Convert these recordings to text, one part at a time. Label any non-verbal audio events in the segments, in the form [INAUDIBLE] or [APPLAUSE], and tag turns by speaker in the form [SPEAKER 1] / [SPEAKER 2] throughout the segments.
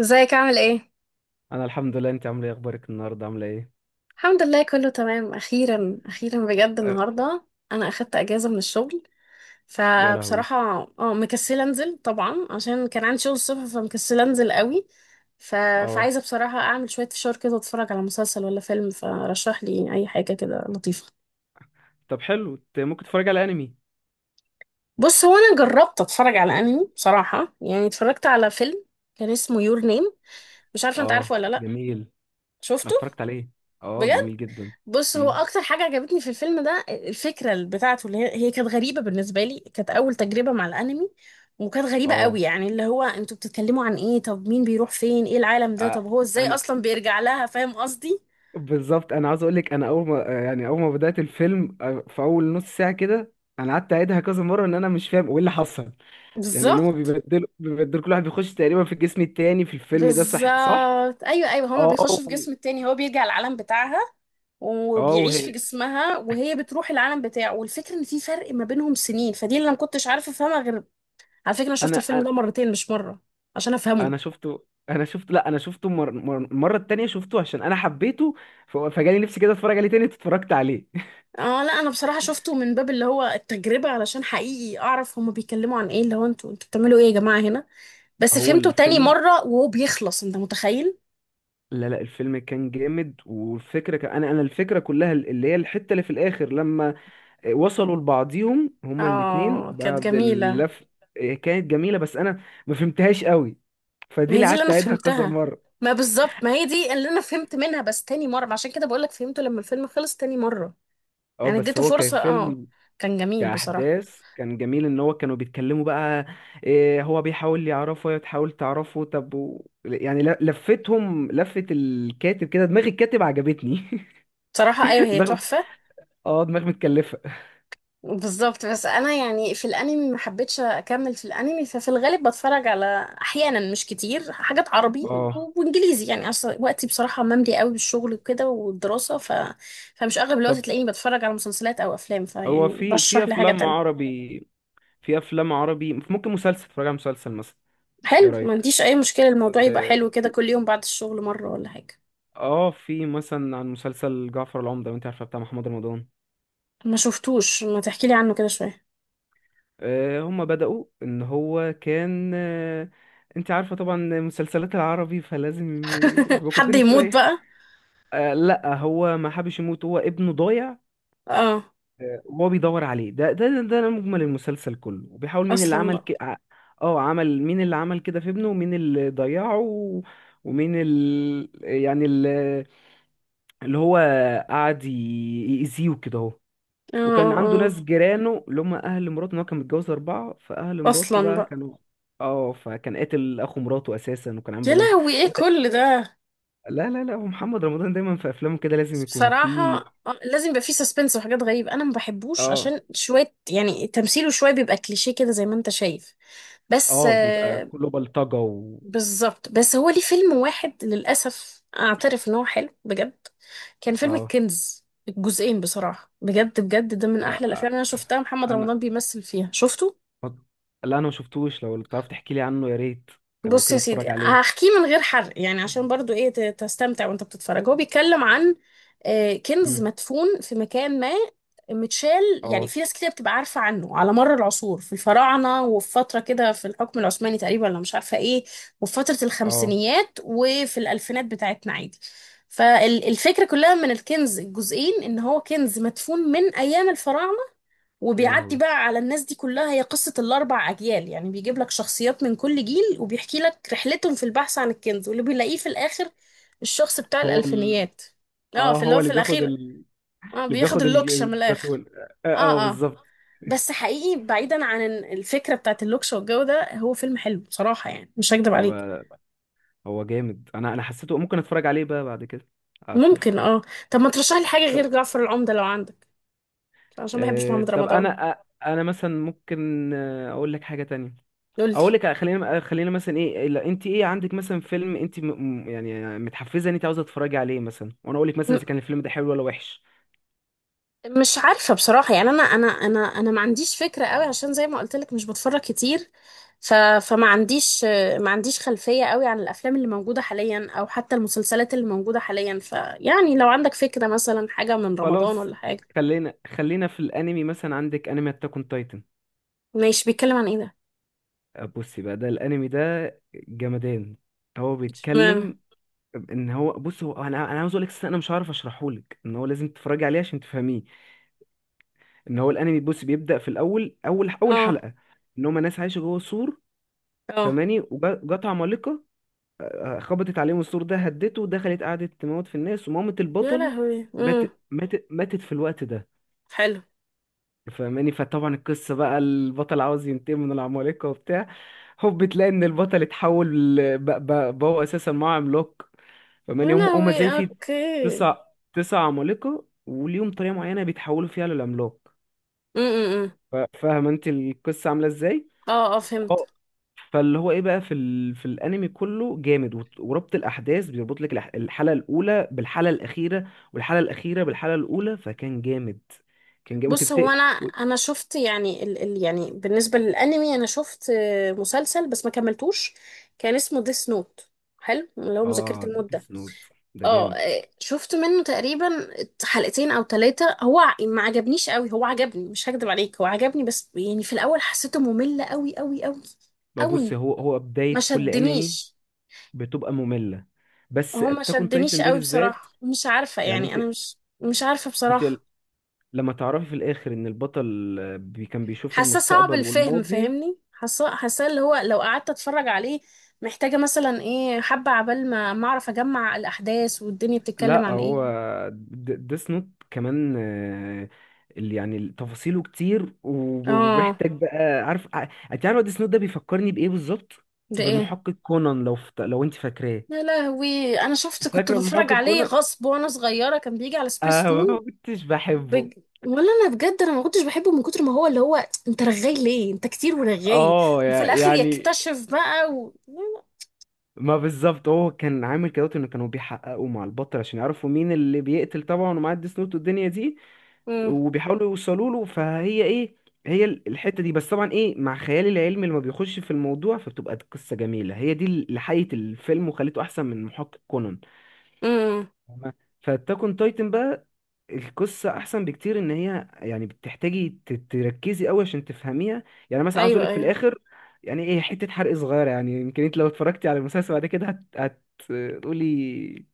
[SPEAKER 1] ازيك عامل ايه؟
[SPEAKER 2] انا الحمد لله. انت عامله ايه؟ اخبارك النهارده عامله ايه؟
[SPEAKER 1] الحمد لله كله تمام، اخيرا اخيرا بجد
[SPEAKER 2] أه،.
[SPEAKER 1] النهارده انا اخدت اجازه من الشغل.
[SPEAKER 2] يا لهوي.
[SPEAKER 1] فبصراحه اه مكسله انزل طبعا عشان كان عندي شغل الصبح، فمكسله انزل قوي. ف...
[SPEAKER 2] اه.
[SPEAKER 1] فعايزه بصراحه اعمل شويه فشار كده واتفرج على مسلسل ولا فيلم، فرشح لي اي حاجه كده لطيفه.
[SPEAKER 2] طب حلو، انت ممكن تتفرج على انمي.
[SPEAKER 1] بص، هو انا جربت اتفرج على انمي بصراحه، يعني اتفرجت على فيلم كان اسمه يور نيم، مش عارفه انت عارفه
[SPEAKER 2] اه،
[SPEAKER 1] ولا لا.
[SPEAKER 2] جميل.
[SPEAKER 1] شفته؟
[SPEAKER 2] اتفرجت عليه. اه
[SPEAKER 1] بجد.
[SPEAKER 2] جميل جدا.
[SPEAKER 1] بص، هو
[SPEAKER 2] مم.
[SPEAKER 1] اكتر حاجه عجبتني في الفيلم ده الفكره اللي بتاعته، اللي هي كانت غريبه بالنسبه لي، كانت اول تجربه مع الانمي. وكانت غريبه قوي،
[SPEAKER 2] اه
[SPEAKER 1] يعني اللي هو انتوا بتتكلموا عن ايه؟ طب مين بيروح فين؟ ايه العالم ده؟ طب
[SPEAKER 2] آه،
[SPEAKER 1] هو ازاي
[SPEAKER 2] انا
[SPEAKER 1] اصلا بيرجع لها؟ فاهم قصدي؟
[SPEAKER 2] بالظبط انا عاوز اقول لك، انا اول ما بدات الفيلم، في اول نص ساعه كده، انا قعدت اعيدها كذا مره ان انا مش فاهم ايه اللي حصل. يعني ان هم
[SPEAKER 1] بالظبط.
[SPEAKER 2] بيبدلوا كل واحد بيخش تقريبا في الجسم التاني في الفيلم ده، صح صح.
[SPEAKER 1] بالظبط، ايوه ايوه، هما
[SPEAKER 2] اه.
[SPEAKER 1] بيخشوا في جسم التاني، هو بيرجع العالم بتاعها
[SPEAKER 2] اه
[SPEAKER 1] وبيعيش في
[SPEAKER 2] وهي.
[SPEAKER 1] جسمها، وهي بتروح العالم بتاعه. والفكره ان في فرق ما بينهم سنين، فدي اللي انا ما كنتش عارفه افهمها. غير على فكره انا شفت
[SPEAKER 2] انا
[SPEAKER 1] الفيلم ده مرتين مش مره عشان افهمه.
[SPEAKER 2] انا شفته انا شفته لا، انا شفته المره التانية، شفته عشان انا حبيته. فجالي نفسي كده اتفرج عليه تاني، اتفرجت عليه.
[SPEAKER 1] اه، لا انا بصراحة شفته من باب اللي هو التجربة، علشان حقيقي اعرف هما بيتكلموا عن ايه، اللي هو انتوا بتعملوا ايه يا جماعة هنا؟
[SPEAKER 2] [LAUGHS]
[SPEAKER 1] بس
[SPEAKER 2] هو
[SPEAKER 1] فهمته تاني
[SPEAKER 2] الفيلم.
[SPEAKER 1] مرة وهو بيخلص، انت متخيل؟
[SPEAKER 2] لا لا، الفيلم كان جامد، والفكره كان انا الفكره كلها اللي هي الحته اللي في الاخر لما وصلوا لبعضيهم هما الاتنين
[SPEAKER 1] اه كانت
[SPEAKER 2] بعد
[SPEAKER 1] جميلة.
[SPEAKER 2] اللف. كانت جميله، بس انا ما فهمتهاش قوي، فدي
[SPEAKER 1] ما هي
[SPEAKER 2] اللي
[SPEAKER 1] دي اللي
[SPEAKER 2] قعدت
[SPEAKER 1] انا
[SPEAKER 2] اعيدها كذا
[SPEAKER 1] فهمتها.
[SPEAKER 2] مره.
[SPEAKER 1] ما بالظبط، ما هي دي اللي انا فهمت منها، بس تاني مرة، عشان كده بقولك فهمته لما الفيلم خلص تاني مرة.
[SPEAKER 2] اه
[SPEAKER 1] يعني
[SPEAKER 2] بس
[SPEAKER 1] اديته
[SPEAKER 2] هو كان
[SPEAKER 1] فرصة، اه.
[SPEAKER 2] فيلم،
[SPEAKER 1] كان جميل بصراحة.
[SPEAKER 2] كأحداث كان جميل، إن هو كانوا بيتكلموا بقى إيه، هو بيحاول يعرفه وهي تحاول تعرفه. طب و... يعني ل- لفتهم لفة الكاتب كده، دماغ الكاتب عجبتني.
[SPEAKER 1] بصراحة ايوه،
[SPEAKER 2] [LAUGHS]
[SPEAKER 1] هي
[SPEAKER 2] دماغ.
[SPEAKER 1] تحفة.
[SPEAKER 2] اه، دماغ متكلفة.
[SPEAKER 1] بالظبط. بس انا يعني في الانمي ما حبيتش اكمل في الانمي، ففي الغالب بتفرج على احيانا مش كتير حاجات عربي
[SPEAKER 2] اه.
[SPEAKER 1] وانجليزي، يعني اصلا وقتي بصراحه مملي قوي بالشغل وكده والدراسه. فمش اغلب الوقت
[SPEAKER 2] طب
[SPEAKER 1] تلاقيني بتفرج على مسلسلات او افلام،
[SPEAKER 2] هو
[SPEAKER 1] فيعني
[SPEAKER 2] في في
[SPEAKER 1] رشح لي حاجه
[SPEAKER 2] أفلام
[SPEAKER 1] تانية.
[SPEAKER 2] عربي، في أفلام عربي، ممكن مسلسل اتفرج على مسلسل مثلا. إيه
[SPEAKER 1] حلو، ما
[SPEAKER 2] رأيك؟
[SPEAKER 1] عنديش اي مشكله، الموضوع يبقى
[SPEAKER 2] آه،
[SPEAKER 1] حلو كده
[SPEAKER 2] في
[SPEAKER 1] كل يوم بعد الشغل مره ولا حاجه.
[SPEAKER 2] اه في مثلا عن مسلسل جعفر العمدة، لو انت عارفه بتاع محمد رمضان.
[SPEAKER 1] ما شفتوش، ما تحكي لي عنه كده شويه.
[SPEAKER 2] هما بدأوا ان هو كان انت عارفة طبعا مسلسلات العربي فلازم
[SPEAKER 1] [LAUGHS]
[SPEAKER 2] يحبكوا
[SPEAKER 1] حد
[SPEAKER 2] الدنيا
[SPEAKER 1] يموت
[SPEAKER 2] شوية.
[SPEAKER 1] بقى؟
[SPEAKER 2] لا هو ما حبش يموت، هو ابنه ضايع.
[SPEAKER 1] اه،
[SPEAKER 2] وهو بيدور عليه، ده مجمل المسلسل كله. وبيحاول مين اللي
[SPEAKER 1] اصلا
[SPEAKER 2] عمل
[SPEAKER 1] بقى.
[SPEAKER 2] ك... ع- اه عمل، مين اللي عمل كده في ابنه، ومين اللي ضيعه و- ومين ال... يعني ال... اللي هو قعد يأذيه كده.
[SPEAKER 1] اه اه
[SPEAKER 2] وكان عنده
[SPEAKER 1] آه.
[SPEAKER 2] ناس جيرانه اللي هم اهل مراته، ان هو كان متجوز 4، فاهل مراته
[SPEAKER 1] اصلا
[SPEAKER 2] بقى
[SPEAKER 1] بقى.
[SPEAKER 2] كانوا، اه، فكان قاتل اخو مراته اساسا، وكان عامل
[SPEAKER 1] يا
[SPEAKER 2] بلاوي.
[SPEAKER 1] لهوي ايه
[SPEAKER 2] هو ده-
[SPEAKER 1] كل ده؟
[SPEAKER 2] لا لا لا، هو محمد رمضان دايما في افلامه كده لازم يكون فيه.
[SPEAKER 1] بصراحة آه، لازم يبقى فيه سسبنس وحاجات غريبة، أنا ما بحبوش
[SPEAKER 2] اه.
[SPEAKER 1] عشان شوية يعني تمثيله شوية بيبقى كليشيه كده زي ما أنت شايف. بس
[SPEAKER 2] اه بيبقى
[SPEAKER 1] آه،
[SPEAKER 2] كله بلطجه، و
[SPEAKER 1] بالظبط. بس هو ليه فيلم واحد للأسف أعترف إن هو حلو بجد، كان فيلم
[SPEAKER 2] اه،
[SPEAKER 1] الكنز الجزئين، بصراحة بجد بجد ده من
[SPEAKER 2] آه،
[SPEAKER 1] أحلى الأفلام
[SPEAKER 2] آه،
[SPEAKER 1] اللي أنا
[SPEAKER 2] آه.
[SPEAKER 1] شفتها محمد
[SPEAKER 2] انا،
[SPEAKER 1] رمضان بيمثل فيها. شفته؟
[SPEAKER 2] لا انا ما شفتوش، لو تعرف تحكي لي عنه يا ريت. لو
[SPEAKER 1] بص يا
[SPEAKER 2] كده
[SPEAKER 1] سيدي
[SPEAKER 2] اتفرج عليه.
[SPEAKER 1] هحكيه من غير حرق، يعني عشان برضو ايه تستمتع وانت بتتفرج. هو بيتكلم عن آه، كنز
[SPEAKER 2] مم.
[SPEAKER 1] مدفون في مكان ما متشال، يعني
[SPEAKER 2] اه.
[SPEAKER 1] في ناس كتير بتبقى عارفة عنه على مر العصور، في الفراعنة وفي فترة كده في الحكم العثماني تقريبا ولا مش عارفة ايه، وفي فترة
[SPEAKER 2] اه.
[SPEAKER 1] الخمسينيات وفي الألفينات بتاعتنا عادي. فالفكرة كلها من الكنز الجزئين ان هو كنز مدفون من ايام الفراعنة،
[SPEAKER 2] يا
[SPEAKER 1] وبيعدي
[SPEAKER 2] لهوي.
[SPEAKER 1] بقى على الناس دي كلها، هي قصة الأربع أجيال، يعني بيجيب لك شخصيات من كل جيل وبيحكي لك رحلتهم في البحث عن الكنز، واللي بيلاقيه في الآخر الشخص بتاع
[SPEAKER 2] هو ال...
[SPEAKER 1] الألفينيات. اه
[SPEAKER 2] اه
[SPEAKER 1] في اللي
[SPEAKER 2] هو
[SPEAKER 1] هو
[SPEAKER 2] اللي
[SPEAKER 1] في
[SPEAKER 2] بياخد
[SPEAKER 1] الأخير،
[SPEAKER 2] ال...
[SPEAKER 1] اه
[SPEAKER 2] اللي
[SPEAKER 1] بياخد
[SPEAKER 2] بياخد
[SPEAKER 1] اللوكشة من الآخر.
[SPEAKER 2] الزيتون.
[SPEAKER 1] اه اه.
[SPEAKER 2] بالظبط.
[SPEAKER 1] بس حقيقي بعيدا عن الفكرة بتاعت اللوكشة والجو ده، هو فيلم حلو بصراحة، يعني مش هكدب
[SPEAKER 2] طب
[SPEAKER 1] عليك.
[SPEAKER 2] آه، هو جامد، انا حسيته ممكن اتفرج عليه بقى بعد كده، اشوف.
[SPEAKER 1] ممكن اه. طب ما ترشح لي حاجة
[SPEAKER 2] طب
[SPEAKER 1] غير جعفر العمدة لو عندك، عشان ما بحبش
[SPEAKER 2] آه،
[SPEAKER 1] محمد
[SPEAKER 2] طب
[SPEAKER 1] رمضان.
[SPEAKER 2] انا آه، انا مثلا ممكن اقول لك حاجه تانية.
[SPEAKER 1] قولي.
[SPEAKER 2] اقول لك خلينا مثلا ايه، لا، انت ايه عندك مثلا فيلم انت يعني متحفزه ان انت عاوزه تتفرجي عليه مثلا، وانا اقول لك مثلا اذا كان الفيلم ده حلو ولا وحش.
[SPEAKER 1] مش عارفة بصراحة، يعني أنا ما عنديش فكرة قوي، عشان زي ما قلت لك مش بتفرج كتير. ف، فما عنديش، ما عنديش خلفية قوي عن الأفلام اللي موجودة حاليا أو حتى المسلسلات اللي موجودة حاليا، فيعني لو عندك فكرة مثلا حاجة من رمضان
[SPEAKER 2] خلاص،
[SPEAKER 1] ولا حاجة.
[SPEAKER 2] خلينا في الانمي، مثلا عندك انمي اتاك اون تايتن.
[SPEAKER 1] ماشي، بيتكلم عن إيه ده؟
[SPEAKER 2] بصي بقى، ده الانمي ده جمدان. هو
[SPEAKER 1] اشمعنى؟
[SPEAKER 2] بيتكلم ان هو، بص، هو انا عاوز اقول لك أساساً انا مش عارف اشرحه لك، ان هو لازم تتفرجي عليه عشان تفهميه. ان هو الانمي، بص، بيبدا في الاول، اول
[SPEAKER 1] اه
[SPEAKER 2] حلقه، ان هم ناس عايشه جوه سور،
[SPEAKER 1] اه.
[SPEAKER 2] فماني، وجات عمالقه، خبطت عليهم السور ده، هدته، دخلت قعدت تموت في الناس، ومامة
[SPEAKER 1] يا
[SPEAKER 2] البطل
[SPEAKER 1] لهوي.
[SPEAKER 2] مات، ماتت في الوقت ده
[SPEAKER 1] حلو.
[SPEAKER 2] فماني. فطبعا القصه بقى البطل عاوز ينتقم من العمالقه وبتاع. هوب تلاقي ان البطل اتحول بقى هو اساسا معاه عملاق،
[SPEAKER 1] يا
[SPEAKER 2] فماني. هم
[SPEAKER 1] لهوي،
[SPEAKER 2] زي في
[SPEAKER 1] اوكي.
[SPEAKER 2] تسع، 9 عمالقة، وليهم طريقة معينة بيتحولوا فيها للعملاق.
[SPEAKER 1] امم
[SPEAKER 2] فاهم انت القصة عاملة ازاي؟
[SPEAKER 1] اه اه فهمت.
[SPEAKER 2] اه. فاللي هو ايه بقى في ال... في الانمي كله جامد، وت- وربط الاحداث، بيربط لك الحلقة الاولى بالحلقة الاخيرة والحلقة الاخيرة بالحلقة الاولى، فكان جامد. كان جامد
[SPEAKER 1] بص هو
[SPEAKER 2] وتفتكر
[SPEAKER 1] انا
[SPEAKER 2] و...
[SPEAKER 1] انا شفت، يعني ال يعني بالنسبه للانمي انا شفت آه، مسلسل بس ما كملتوش، كان اسمه ديس نوت، حلو اللي هو مذكره
[SPEAKER 2] اه،
[SPEAKER 1] الموت
[SPEAKER 2] ديس
[SPEAKER 1] ده.
[SPEAKER 2] نوت ده
[SPEAKER 1] اه
[SPEAKER 2] جامد.
[SPEAKER 1] آه، شفت منه تقريبا حلقتين او ثلاثه، هو ما عجبنيش قوي، هو عجبني مش هكدب عليك هو عجبني، بس يعني في الاول حسيته ممل قوي قوي قوي
[SPEAKER 2] بقى بص،
[SPEAKER 1] قوي
[SPEAKER 2] هو
[SPEAKER 1] ما
[SPEAKER 2] بداية كل انمي
[SPEAKER 1] شدنيش،
[SPEAKER 2] بتبقى مملة، بس
[SPEAKER 1] هو ما
[SPEAKER 2] اتاك اون
[SPEAKER 1] شدنيش
[SPEAKER 2] تايتن ده
[SPEAKER 1] قوي
[SPEAKER 2] بالذات،
[SPEAKER 1] بصراحه، مش عارفه
[SPEAKER 2] يعني
[SPEAKER 1] يعني
[SPEAKER 2] انت
[SPEAKER 1] انا مش عارفه
[SPEAKER 2] انت
[SPEAKER 1] بصراحه.
[SPEAKER 2] لما تعرفي في الاخر ان البطل بي كان بيشوف
[SPEAKER 1] حاسه صعب
[SPEAKER 2] المستقبل
[SPEAKER 1] الفهم،
[SPEAKER 2] والماضي.
[SPEAKER 1] فاهمني؟ حاسه اللي هو لو قعدت اتفرج عليه محتاجه مثلا ايه، حبه عبال ما اعرف اجمع الاحداث والدنيا بتتكلم
[SPEAKER 2] لا،
[SPEAKER 1] عن
[SPEAKER 2] هو
[SPEAKER 1] ايه.
[SPEAKER 2] ديس نوت كمان اللي يعني تفاصيله كتير، وب-
[SPEAKER 1] اه،
[SPEAKER 2] وبيحتاج بقى. انت عارفه ديس نوت ده بيفكرني بايه بالظبط؟
[SPEAKER 1] ده ايه؟
[SPEAKER 2] بالمحقق كونان، لو انت فاكراه.
[SPEAKER 1] يا لهوي، انا شفت كنت
[SPEAKER 2] فاكره
[SPEAKER 1] بتفرج
[SPEAKER 2] المحقق
[SPEAKER 1] عليه
[SPEAKER 2] كونان؟
[SPEAKER 1] غصب وانا صغيره كان بيجي على سبيس
[SPEAKER 2] انا ما
[SPEAKER 1] تون.
[SPEAKER 2] كنتش بحبه.
[SPEAKER 1] بج... ولا انا بجد انا ما كنتش بحبه من كتر ما هو اللي هو، انت رغاي ليه؟ انت كتير ورغاي.
[SPEAKER 2] اه.
[SPEAKER 1] وفي الاخر
[SPEAKER 2] يعني،
[SPEAKER 1] يكتشف بقى.
[SPEAKER 2] ما بالظبط، هو كان عامل كده ان كانوا بيحققوا مع البطل عشان يعرفوا مين اللي بيقتل طبعا ومعاه الديس نوت والدنيا دي،
[SPEAKER 1] امم
[SPEAKER 2] وبيحاولوا يوصلوا له، فهي ايه، هي الحتة دي. بس طبعا ايه مع خيالي العلمي، لما بيخش في الموضوع فبتبقى القصة جميلة، هي دي اللي حيت الفيلم وخليته احسن من محقق كونان.
[SPEAKER 1] امم.
[SPEAKER 2] تمام. فاتاكون تايتن بقى، القصة احسن بكتير، ان هي يعني بتحتاجي تركزي قوي عشان تفهميها. يعني مثلا عاوز
[SPEAKER 1] ايوه
[SPEAKER 2] اقولك في
[SPEAKER 1] ايوه.
[SPEAKER 2] الاخر، يعني ايه، حتة حرق صغيرة، يعني يمكن انت لو اتفرجتي على المسلسل بعد كده هت... هتقولي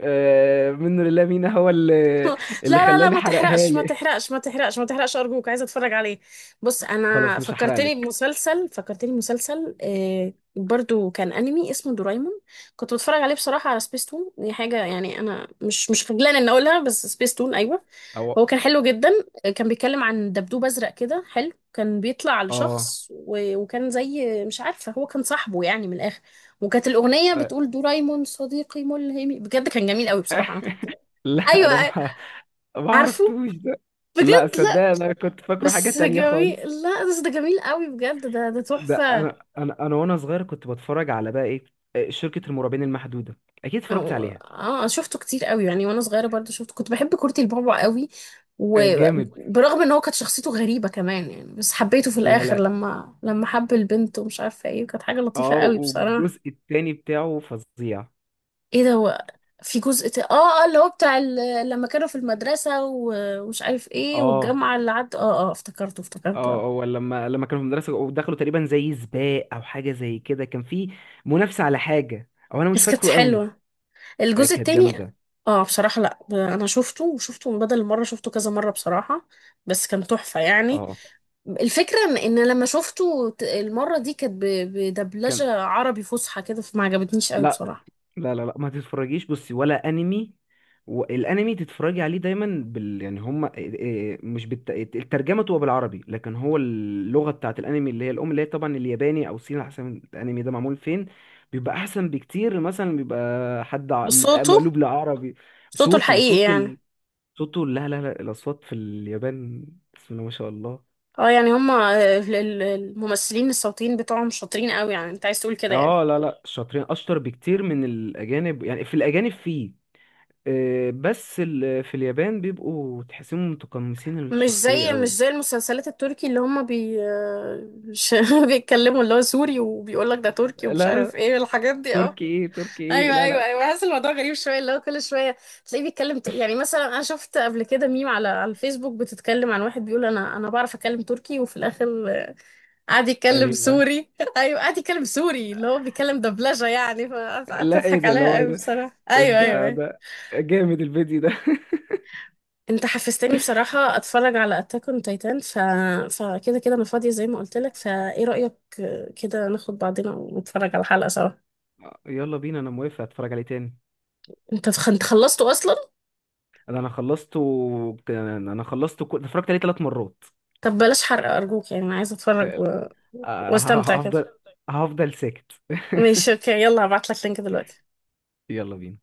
[SPEAKER 2] من لله مين هو اللي،
[SPEAKER 1] لا
[SPEAKER 2] اللي
[SPEAKER 1] لا،
[SPEAKER 2] خلاني
[SPEAKER 1] ما
[SPEAKER 2] حرقها
[SPEAKER 1] تحرقش ما
[SPEAKER 2] لي.
[SPEAKER 1] تحرقش ما تحرقش ما تحرقش، أرجوك عايزة أتفرج عليه. بص،
[SPEAKER 2] خلاص، مش
[SPEAKER 1] فكرتني
[SPEAKER 2] هحرقلك.
[SPEAKER 1] بمسلسل، فكرتني بمسلسل آه برضو كان أنمي اسمه دورايمون، كنت بتفرج عليه بصراحة على سبيستون. دي حاجة يعني أنا مش خجلانة إن أقولها، بس سبيستون أيوه.
[SPEAKER 2] او.
[SPEAKER 1] هو كان حلو جدا، آه، كان بيتكلم عن دبدوب أزرق كده حلو، كان بيطلع
[SPEAKER 2] اه.
[SPEAKER 1] لشخص وكان زي مش عارفة هو كان صاحبه يعني من الآخر. وكانت الأغنية
[SPEAKER 2] آه.
[SPEAKER 1] بتقول دورايمون صديقي ملهمي، بجد كان جميل قوي بصراحة أنا كنت.
[SPEAKER 2] [LAUGHS] لا انا
[SPEAKER 1] ايوه،
[SPEAKER 2] ما
[SPEAKER 1] عارفه،
[SPEAKER 2] عرفتوش ده. لا
[SPEAKER 1] بجد،
[SPEAKER 2] صدق،
[SPEAKER 1] لا،
[SPEAKER 2] انا كنت فاكره حاجة
[SPEAKER 1] بس
[SPEAKER 2] تانية
[SPEAKER 1] جميل.
[SPEAKER 2] خالص.
[SPEAKER 1] لا بس ده جميل قوي بجد، ده ده
[SPEAKER 2] ده
[SPEAKER 1] تحفة.
[SPEAKER 2] انا وانا صغير كنت بتفرج على بقى ايه، شركة المرعبين المحدودة، اكيد اتفرجت عليها.
[SPEAKER 1] اه شفته كتير قوي يعني وانا صغيرة برضه شفته، كنت بحب كورتي البابا قوي.
[SPEAKER 2] جامد.
[SPEAKER 1] وبرغم ان هو كانت شخصيته غريبة كمان يعني، بس حبيته في
[SPEAKER 2] لا
[SPEAKER 1] الاخر
[SPEAKER 2] لا.
[SPEAKER 1] لما حب البنت ومش عارفة ايه، وكانت حاجة لطيفة
[SPEAKER 2] اه،
[SPEAKER 1] قوي بصراحة.
[SPEAKER 2] والجزء التاني بتاعه فظيع.
[SPEAKER 1] ايه ده؟ هو في اه، اه اللي هو بتاع لما كانوا في المدرسة ومش عارف ايه
[SPEAKER 2] اه.
[SPEAKER 1] والجامعة اللي عد، اه اه، افتكرته
[SPEAKER 2] اه
[SPEAKER 1] آه.
[SPEAKER 2] هو لما، كانوا في المدرسة ودخلوا تقريبا زي سباق او حاجة زي كده، كان في منافسة على حاجة، او انا مش
[SPEAKER 1] بس كانت
[SPEAKER 2] فاكره قوي.
[SPEAKER 1] حلوة، الجزء
[SPEAKER 2] كانت
[SPEAKER 1] التاني.
[SPEAKER 2] جامدة.
[SPEAKER 1] اه بصراحة لا انا شفته وشفته من بدل المرة شفته كذا مرة بصراحة، بس كان تحفة يعني.
[SPEAKER 2] اه.
[SPEAKER 1] الفكرة ان إن لما شفته المرة دي كانت
[SPEAKER 2] كان.
[SPEAKER 1] بدبلجة عربي فصحى كده فما عجبتنيش قوي
[SPEAKER 2] لا
[SPEAKER 1] بصراحة.
[SPEAKER 2] لا لا، ما تتفرجيش بصي ولا انمي. والانمي تتفرجي عليه دايما بال يعني هم آه، آه، مش الترجمه تبقى بالعربي لكن هو اللغه بتاعت الانمي اللي هي الام اللي هي طبعا الياباني او الصيني على حسب الانمي ده معمول فين، بيبقى احسن بكتير، مثلا بيبقى حد
[SPEAKER 1] بصوته،
[SPEAKER 2] مقلوب لعربي.
[SPEAKER 1] صوته
[SPEAKER 2] صوته
[SPEAKER 1] الحقيقي
[SPEAKER 2] صوت
[SPEAKER 1] يعني؟
[SPEAKER 2] ال... صوته لا لا لا، الاصوات في اليابان بسم الله ما شاء الله.
[SPEAKER 1] اه يعني هما الممثلين الصوتيين بتوعهم شاطرين قوي، يعني انت عايز تقول كده يعني؟
[SPEAKER 2] اه لا لا، شاطرين، اشطر بكتير من الاجانب. يعني في الاجانب فيه في اليابان بيبقوا تحسهم متقمصين
[SPEAKER 1] مش
[SPEAKER 2] الشخصية
[SPEAKER 1] زي مش
[SPEAKER 2] قوي.
[SPEAKER 1] زي المسلسلات التركي اللي هما بي مش- [LAUGHS] بيتكلموا اللي هو سوري وبيقول لك ده تركي ومش
[SPEAKER 2] لا
[SPEAKER 1] عارف
[SPEAKER 2] لا،
[SPEAKER 1] ايه الحاجات دي، اه.
[SPEAKER 2] تركي ايه، تركي ايه،
[SPEAKER 1] ايوه
[SPEAKER 2] لا
[SPEAKER 1] ايوه
[SPEAKER 2] لا.
[SPEAKER 1] ايوه، بحس الموضوع غريب شويه، اللي هو كل شويه تلاقيه بيتكلم يعني مثلا انا شفت قبل كده ميم على على الفيسبوك بتتكلم عن واحد بيقول انا بعرف اتكلم تركي، وفي الاخر آه، قعد يتكلم
[SPEAKER 2] ليه بقى؟
[SPEAKER 1] سوري، [LAUGHS] ايوه قعد يتكلم سوري اللي هو بيتكلم دبلجه يعني. فقعدت
[SPEAKER 2] لا ايه
[SPEAKER 1] اضحك
[SPEAKER 2] ده اللي
[SPEAKER 1] عليها
[SPEAKER 2] هو
[SPEAKER 1] قوي
[SPEAKER 2] ده،
[SPEAKER 1] بصراحه، ايوه ايوه
[SPEAKER 2] ده
[SPEAKER 1] ايوه.
[SPEAKER 2] ده جامد الفيديو ده. [LAUGHS]
[SPEAKER 1] انت حفزتني بصراحه اتفرج على اتاك اون تايتان، ف، فكده كده انا فاضيه زي ما قلت لك، فايه رايك آه، كده ناخد بعضنا ونتفرج على حلقه سوا؟
[SPEAKER 2] يلا بينا، انا موافق اتفرج عليه تاني.
[SPEAKER 1] انت انت خلصته اصلا؟
[SPEAKER 2] ده انا خلصته، انا خلصته اتفرجت عليه 3 مرات.
[SPEAKER 1] طب بلاش حرق أرجوك، يعني أنا عايزة
[SPEAKER 2] آه،
[SPEAKER 1] واستمتع كده.
[SPEAKER 2] هفضل، هفضل ساكت.
[SPEAKER 1] ماشي
[SPEAKER 2] [LAUGHS]
[SPEAKER 1] أوكي، يلا هبعتلك لينك دلوقتي.
[SPEAKER 2] يلا بينا.